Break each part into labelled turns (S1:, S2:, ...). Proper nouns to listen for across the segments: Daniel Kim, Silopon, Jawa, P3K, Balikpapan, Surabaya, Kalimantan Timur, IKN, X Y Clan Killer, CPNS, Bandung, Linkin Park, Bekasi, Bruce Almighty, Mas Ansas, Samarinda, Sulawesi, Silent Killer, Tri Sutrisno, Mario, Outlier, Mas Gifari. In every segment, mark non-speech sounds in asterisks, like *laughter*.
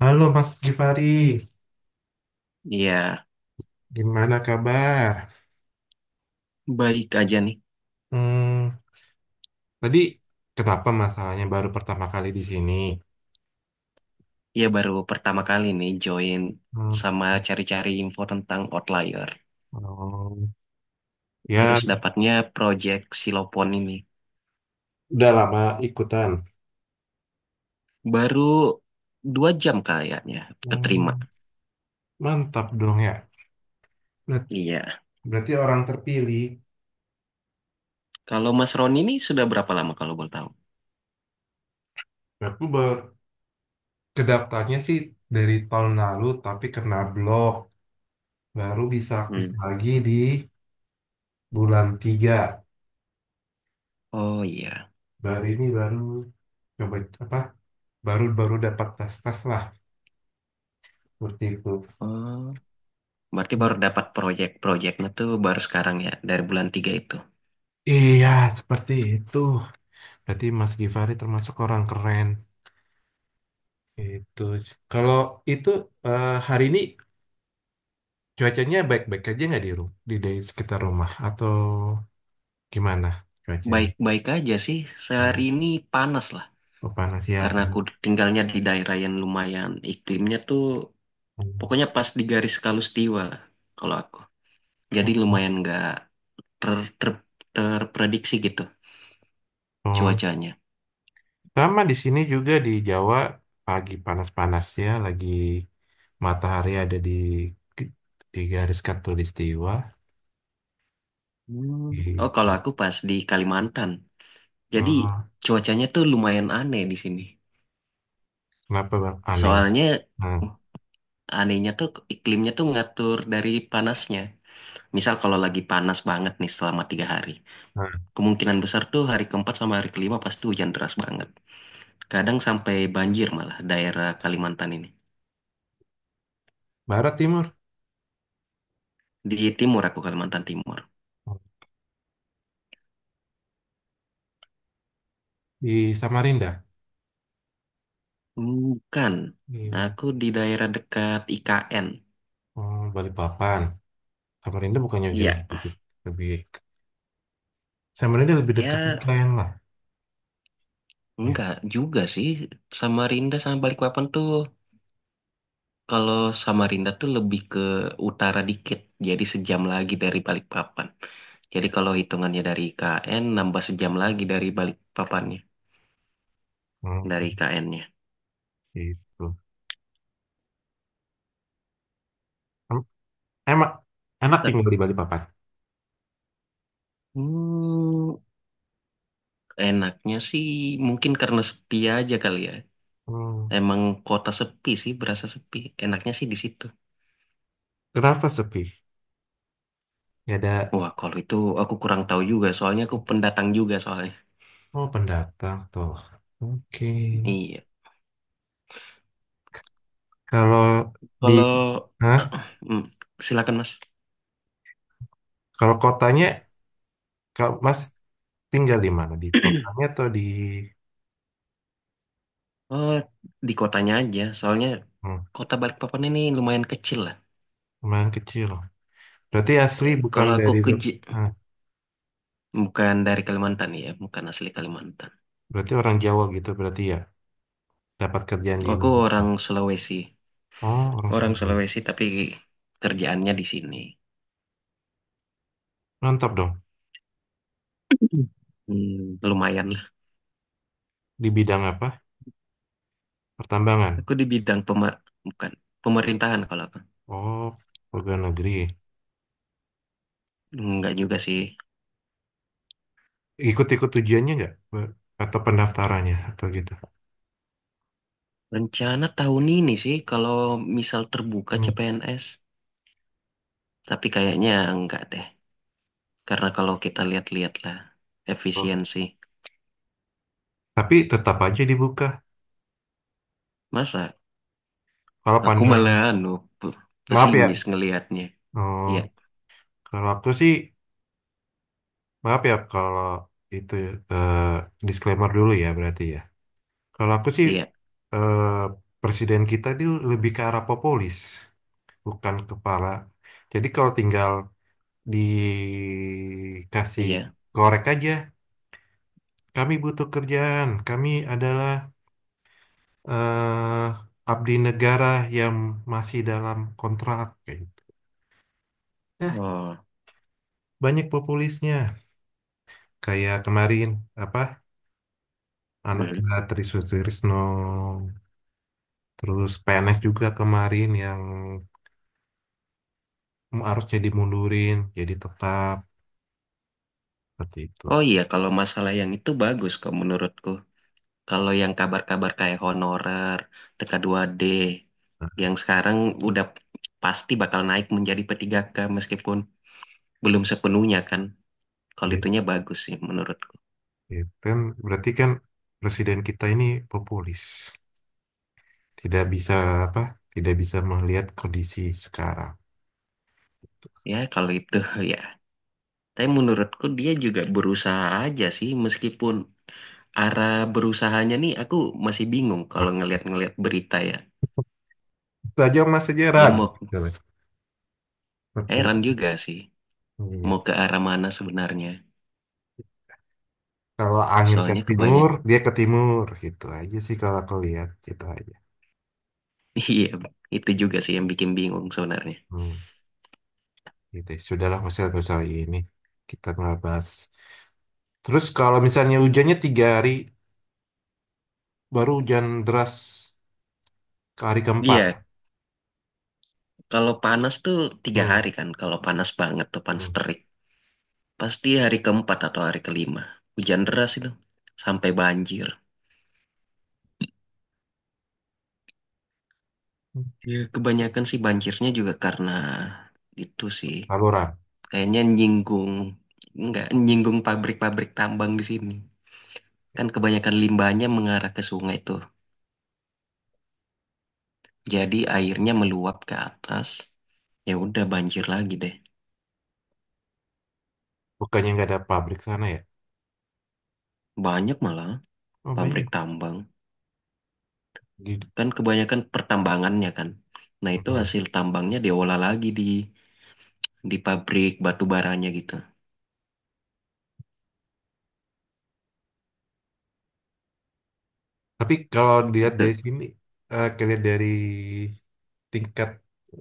S1: Halo Mas Gifari,
S2: Iya,
S1: gimana kabar?
S2: baik aja nih.
S1: Hmm, tadi kenapa masalahnya baru pertama kali di sini?
S2: Iya, baru pertama kali nih join
S1: Hmm,
S2: sama cari-cari info tentang Outlier.
S1: oh,
S2: Terus
S1: ya
S2: dapatnya project Silopon ini.
S1: udah lama ikutan.
S2: Baru 2 jam kayaknya keterima.
S1: Hmm, mantap dong ya. Ber-
S2: Iya.
S1: Berarti orang terpilih.
S2: Kalau Mas Roni ini sudah berapa lama kalau boleh tahu?
S1: Aku baru kedaftarnya sih dari tahun lalu, tapi kena blok. Baru bisa aktif
S2: Hmm.
S1: lagi di bulan 3.
S2: Oh iya.
S1: Baru ini baru coba apa? Baru baru dapat tes tes lah seperti itu.
S2: Oh, berarti baru dapat proyek-proyeknya tuh baru sekarang ya, dari bulan tiga itu.
S1: Iya, seperti itu. Berarti Mas Givari termasuk orang keren. Itu. Kalau itu hari ini cuacanya baik-baik aja nggak di sekitar rumah atau gimana cuacanya?
S2: Baik-baik aja sih.
S1: Hmm,
S2: Sehari ini panas lah.
S1: oh, panas ya.
S2: Karena aku
S1: Panas.
S2: tinggalnya di daerah yang lumayan iklimnya tuh pokoknya pas di garis Kalustiwa lah kalau aku. Jadi
S1: Oh,
S2: lumayan nggak ter- ter- terprediksi gitu
S1: oh.
S2: cuacanya.
S1: Sama di sini juga di Jawa pagi panas-panas ya, lagi matahari ada di garis khatulistiwa.
S2: Hmm.
S1: Gitu.
S2: Oh, kalau aku pas di Kalimantan. Jadi
S1: Oh,
S2: cuacanya tuh lumayan aneh di sini.
S1: kenapa bang? Aneh.
S2: Soalnya
S1: Nah,
S2: uh, anehnya tuh iklimnya tuh ngatur dari panasnya. Misal kalau lagi panas banget nih selama 3 hari.
S1: nah.
S2: Kemungkinan besar tuh hari keempat sama hari kelima pasti hujan deras banget. Kadang sampai banjir malah daerah Kalimantan ini.
S1: Barat Timur.
S2: Di timur aku Kalimantan Timur.
S1: Di Samarinda,
S2: Bukan.
S1: di
S2: Aku di daerah dekat IKN.
S1: oh, Balikpapan. Samarinda bukannya dia
S2: Iya.
S1: lebih, lebih lebih dekat
S2: Ya,
S1: UKM lah. Ya,
S2: enggak juga sih. Samarinda sama Balikpapan tuh, kalau Samarinda tuh lebih ke utara dikit. Jadi sejam lagi dari Balikpapan. Jadi
S1: ya.
S2: kalau hitungannya dari IKN, nambah sejam lagi dari Balikpapannya. Dari
S1: Hmm,
S2: IKN-nya.
S1: gitu. Em- Emak, enak tinggal di Balikpapan.
S2: Hmm, Enaknya sih mungkin karena sepi aja kali ya.
S1: Hmm,
S2: Emang kota sepi sih, berasa sepi. Enaknya sih di situ.
S1: kenapa sepi? Gak ada.
S2: Wah, kalau itu aku kurang tahu juga, soalnya aku pendatang juga soalnya.
S1: Oh, pendatang tuh. Oke.
S2: Iya.
S1: Kalau di,
S2: Kalau
S1: hah?
S2: *clears throat* Hmm, silakan Mas.
S1: Kalau kotanya, kalau Mas tinggal di mana? Di kotanya atau di
S2: Oh, di kotanya aja, soalnya
S1: hmm,
S2: kota Balikpapan ini lumayan kecil lah.
S1: lumayan kecil? Berarti
S2: Ya,
S1: asli bukan
S2: kalau aku
S1: dari,
S2: ke J-
S1: ah,
S2: bukan dari Kalimantan ya, bukan asli Kalimantan.
S1: berarti orang Jawa gitu berarti ya? Dapat kerjaan di
S2: Aku
S1: Magelang. Oh, orang
S2: Orang
S1: Surabaya.
S2: Sulawesi tapi kerjaannya di sini.
S1: Mantap dong.
S2: *clears throat* Lumayan lah.
S1: Di bidang apa? Pertambangan.
S2: Aku di bidang bukan pemerintahan kalau aku.
S1: Oh, pegawai negeri.
S2: Enggak juga sih.
S1: Ikut-ikut ujiannya nggak? Atau pendaftarannya? Atau gitu?
S2: Rencana tahun ini sih kalau misal terbuka
S1: Hmm.
S2: CPNS, tapi kayaknya enggak deh. Karena kalau kita lihat-lihat lah
S1: Oh.
S2: efisiensi.
S1: Tapi tetap aja dibuka.
S2: Masa
S1: Kalau
S2: aku
S1: pandang,
S2: malah anu pe-
S1: maaf ya.
S2: pesimis ngelihatnya.
S1: Oh,
S2: Iya,
S1: kalau aku sih, maaf ya kalau itu eh, disclaimer dulu ya berarti ya. Kalau aku sih
S2: iya,
S1: eh, presiden kita itu lebih ke arah populis, bukan kepala. Jadi kalau tinggal dikasih
S2: iya.
S1: korek aja. Kami butuh kerjaan. Kami adalah abdi negara yang masih dalam kontrak. Kayak gitu. Nah,
S2: Oh.
S1: banyak populisnya. Kayak kemarin apa
S2: Hmm.
S1: Tri Sutrisno, terus PNS juga kemarin yang harusnya dimundurin jadi tetap seperti itu.
S2: Oh iya, kalau masalah yang itu bagus kok menurutku. Kalau yang kabar-kabar kayak honorer, tk dua d
S1: Nah,
S2: yang sekarang udah pasti bakal naik menjadi P3K meskipun belum sepenuhnya kan. Kalau
S1: gitu.
S2: itunya bagus sih menurutku.
S1: Gitu. Kan berarti kan presiden kita ini populis, tidak bisa apa tidak bisa melihat kondisi sekarang.
S2: Ya, kalau itu *laughs* ya. Tapi menurutku dia juga berusaha aja sih meskipun arah berusahanya nih aku masih bingung
S1: Nah,
S2: kalau ngeliat-ngeliat berita ya.
S1: itu aja mas
S2: Dia
S1: sejarah
S2: mau
S1: gitu seperti
S2: Heran juga sih
S1: iya,
S2: mau ke arah mana sebenarnya.
S1: kalau angin ke
S2: Soalnya kebanyak.
S1: timur
S2: *laughs*
S1: dia ke timur gitu aja sih kalau aku lihat gitu aja.
S2: Iya, itu juga sih yang bikin bingung sebenarnya.
S1: Hmm, gitu ya. Sudahlah mas nggak usah ini, kita nggak bahas. Terus kalau misalnya hujannya 3 hari baru hujan deras ke hari keempat.
S2: Iya, kalau panas tuh tiga
S1: Hmm,
S2: hari kan. Kalau panas banget tuh panas
S1: hmm.
S2: terik. Pasti hari keempat atau hari kelima. Hujan deras itu sampai banjir. Ya, kebanyakan sih banjirnya juga karena itu sih.
S1: Saluran,
S2: Kayaknya nyinggung, nggak nyinggung pabrik-pabrik tambang di sini. Kan kebanyakan limbahnya mengarah ke sungai tuh. Jadi airnya meluap ke atas. Ya udah banjir lagi deh.
S1: bukannya nggak ada pabrik sana ya?
S2: Banyak malah
S1: Oh
S2: pabrik
S1: banyak.
S2: tambang.
S1: Di-
S2: Kan kebanyakan pertambangannya kan. Nah itu
S1: hmm.
S2: hasil tambangnya diolah lagi di pabrik batu baranya gitu.
S1: Tapi kalau dilihat dari sini, eh kalian dari tingkat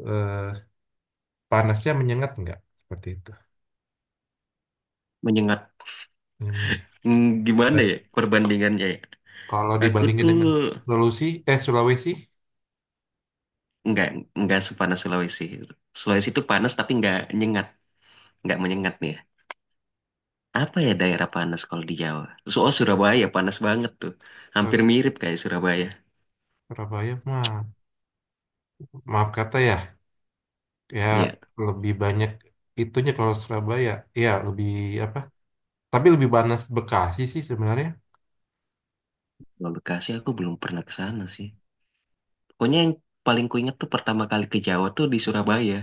S1: eh, panasnya menyengat nggak? Seperti itu.
S2: Menyengat,
S1: Menyengat.
S2: Gimana
S1: Dan
S2: ya perbandingannya ya?
S1: kalau
S2: Aku
S1: dibandingin
S2: tuh
S1: dengan Sulawesi, eh Sulawesi,
S2: nggak nggak sepanas Sulawesi. Sulawesi itu panas tapi nggak nyengat, nggak menyengat nih ya. Apa ya daerah panas kalau di Jawa? Soal Surabaya panas banget tuh, hampir
S1: eh,
S2: mirip kayak Surabaya.
S1: Surabaya mah, maaf kata ya, ya
S2: Iya,
S1: lebih banyak itunya kalau Surabaya, ya lebih apa? Tapi lebih panas Bekasi sih sebenarnya.
S2: kalau Bekasi aku belum pernah ke sana sih. Pokoknya yang paling kuingat tuh pertama kali ke Jawa tuh di Surabaya.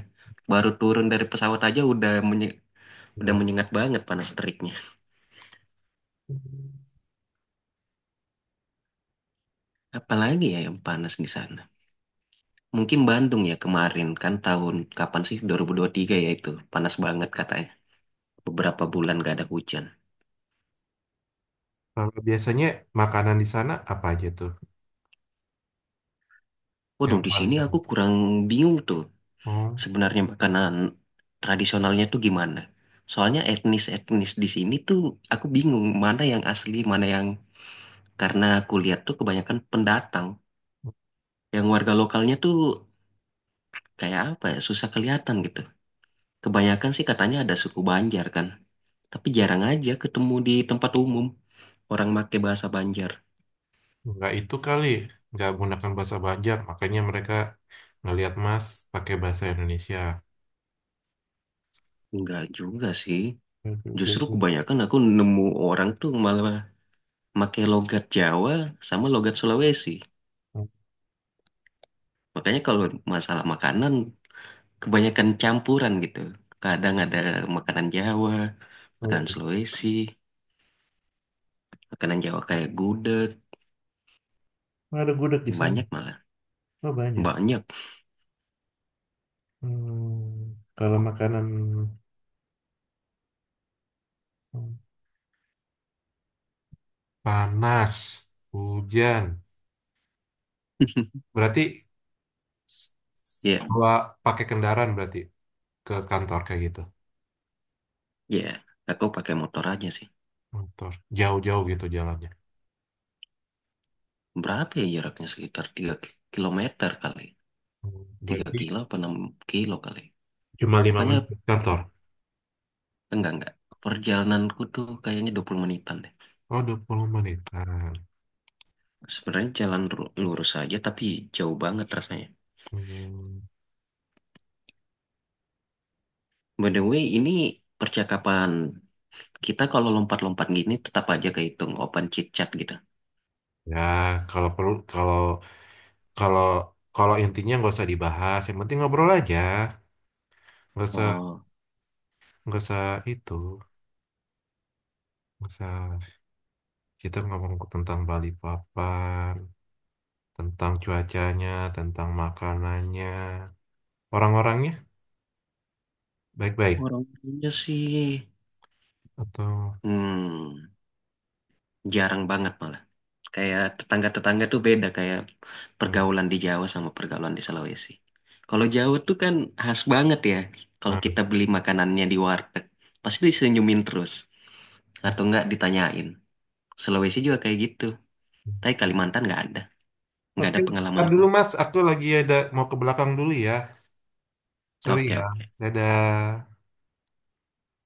S2: Baru turun dari pesawat aja udah
S1: Betul.
S2: menyengat banget panas teriknya. Apalagi ya yang panas di sana. Mungkin Bandung ya kemarin kan tahun kapan sih dua ribu tiga ya itu panas banget katanya. Beberapa bulan gak ada hujan.
S1: Kalau biasanya makanan di sana apa aja tuh
S2: Waduh,
S1: yang
S2: di
S1: paling
S2: sini aku
S1: terkenal?
S2: kurang bingung tuh
S1: Oh.
S2: sebenarnya makanan tradisionalnya tuh gimana. Soalnya etnis-etnis di sini tuh aku bingung mana yang asli, mana yang karena aku lihat tuh kebanyakan pendatang. Yang warga lokalnya tuh kayak apa ya, susah kelihatan gitu. Kebanyakan sih katanya ada suku Banjar kan, tapi jarang aja ketemu di tempat umum orang make bahasa Banjar.
S1: Nggak itu kali, nggak menggunakan bahasa Banjar, makanya mereka ngelihat Mas pakai bahasa Indonesia.
S2: Enggak juga sih.
S1: Oke, oke,
S2: Justru
S1: oke.
S2: kebanyakan aku nemu orang tuh malah pakai logat Jawa sama logat Sulawesi. Makanya kalau masalah makanan kebanyakan campuran gitu. Kadang ada makanan Jawa, makanan
S1: Hmm.
S2: Sulawesi, makanan Jawa kayak gudeg,
S1: Ada gudeg di sana.
S2: banyak malah.
S1: Oh, banyak.
S2: Banyak.
S1: Hmm, kalau makanan hmm, panas, hujan,
S2: *laughs*
S1: berarti
S2: Ya,
S1: bawa pakai kendaraan berarti ke kantor kayak gitu.
S2: ya. Aku pakai motor aja sih.
S1: Kantor jauh-jauh gitu jalannya.
S2: Berapa ya jaraknya sekitar 3 kilometer kali.
S1: Hmm,
S2: tiga
S1: berarti
S2: kilo apa 6 kilo kali.
S1: cuma lima
S2: Pokoknya
S1: menit ke kantor.
S2: enggak enggak. Perjalananku tuh kayaknya 20 menitan deh.
S1: Oh, 20 menitan.
S2: Sebenarnya jalan lurus aja tapi jauh banget rasanya.
S1: Hmm.
S2: By the way, ini percakapan kita kalau lompat-lompat gini tetap aja kehitung open chit chat gitu.
S1: Ya, kalau perlu kalau kalau kalau intinya nggak usah dibahas, yang penting ngobrol aja. Nggak usah
S2: Oh,
S1: nggak usah itu, nggak usah kita ngomong tentang Bali Papan, tentang cuacanya, tentang makanannya, orang-orangnya baik-baik
S2: orangnya sih
S1: atau
S2: hmm, jarang banget malah. Kayak tetangga-tetangga tuh beda kayak
S1: hmm,
S2: pergaulan di Jawa sama pergaulan di Sulawesi. Kalau Jawa tuh kan khas banget ya. Kalau
S1: hmm.
S2: kita beli makanannya di warteg, pasti disenyumin terus atau enggak ditanyain. Sulawesi juga kayak gitu. Tapi Kalimantan nggak
S1: Oke,
S2: ada
S1: ntar
S2: pengalamanku.
S1: dulu Mas, aku lagi ada mau ke belakang dulu ya. Sorry
S2: Oke,
S1: ya.
S2: oke.
S1: Dadah.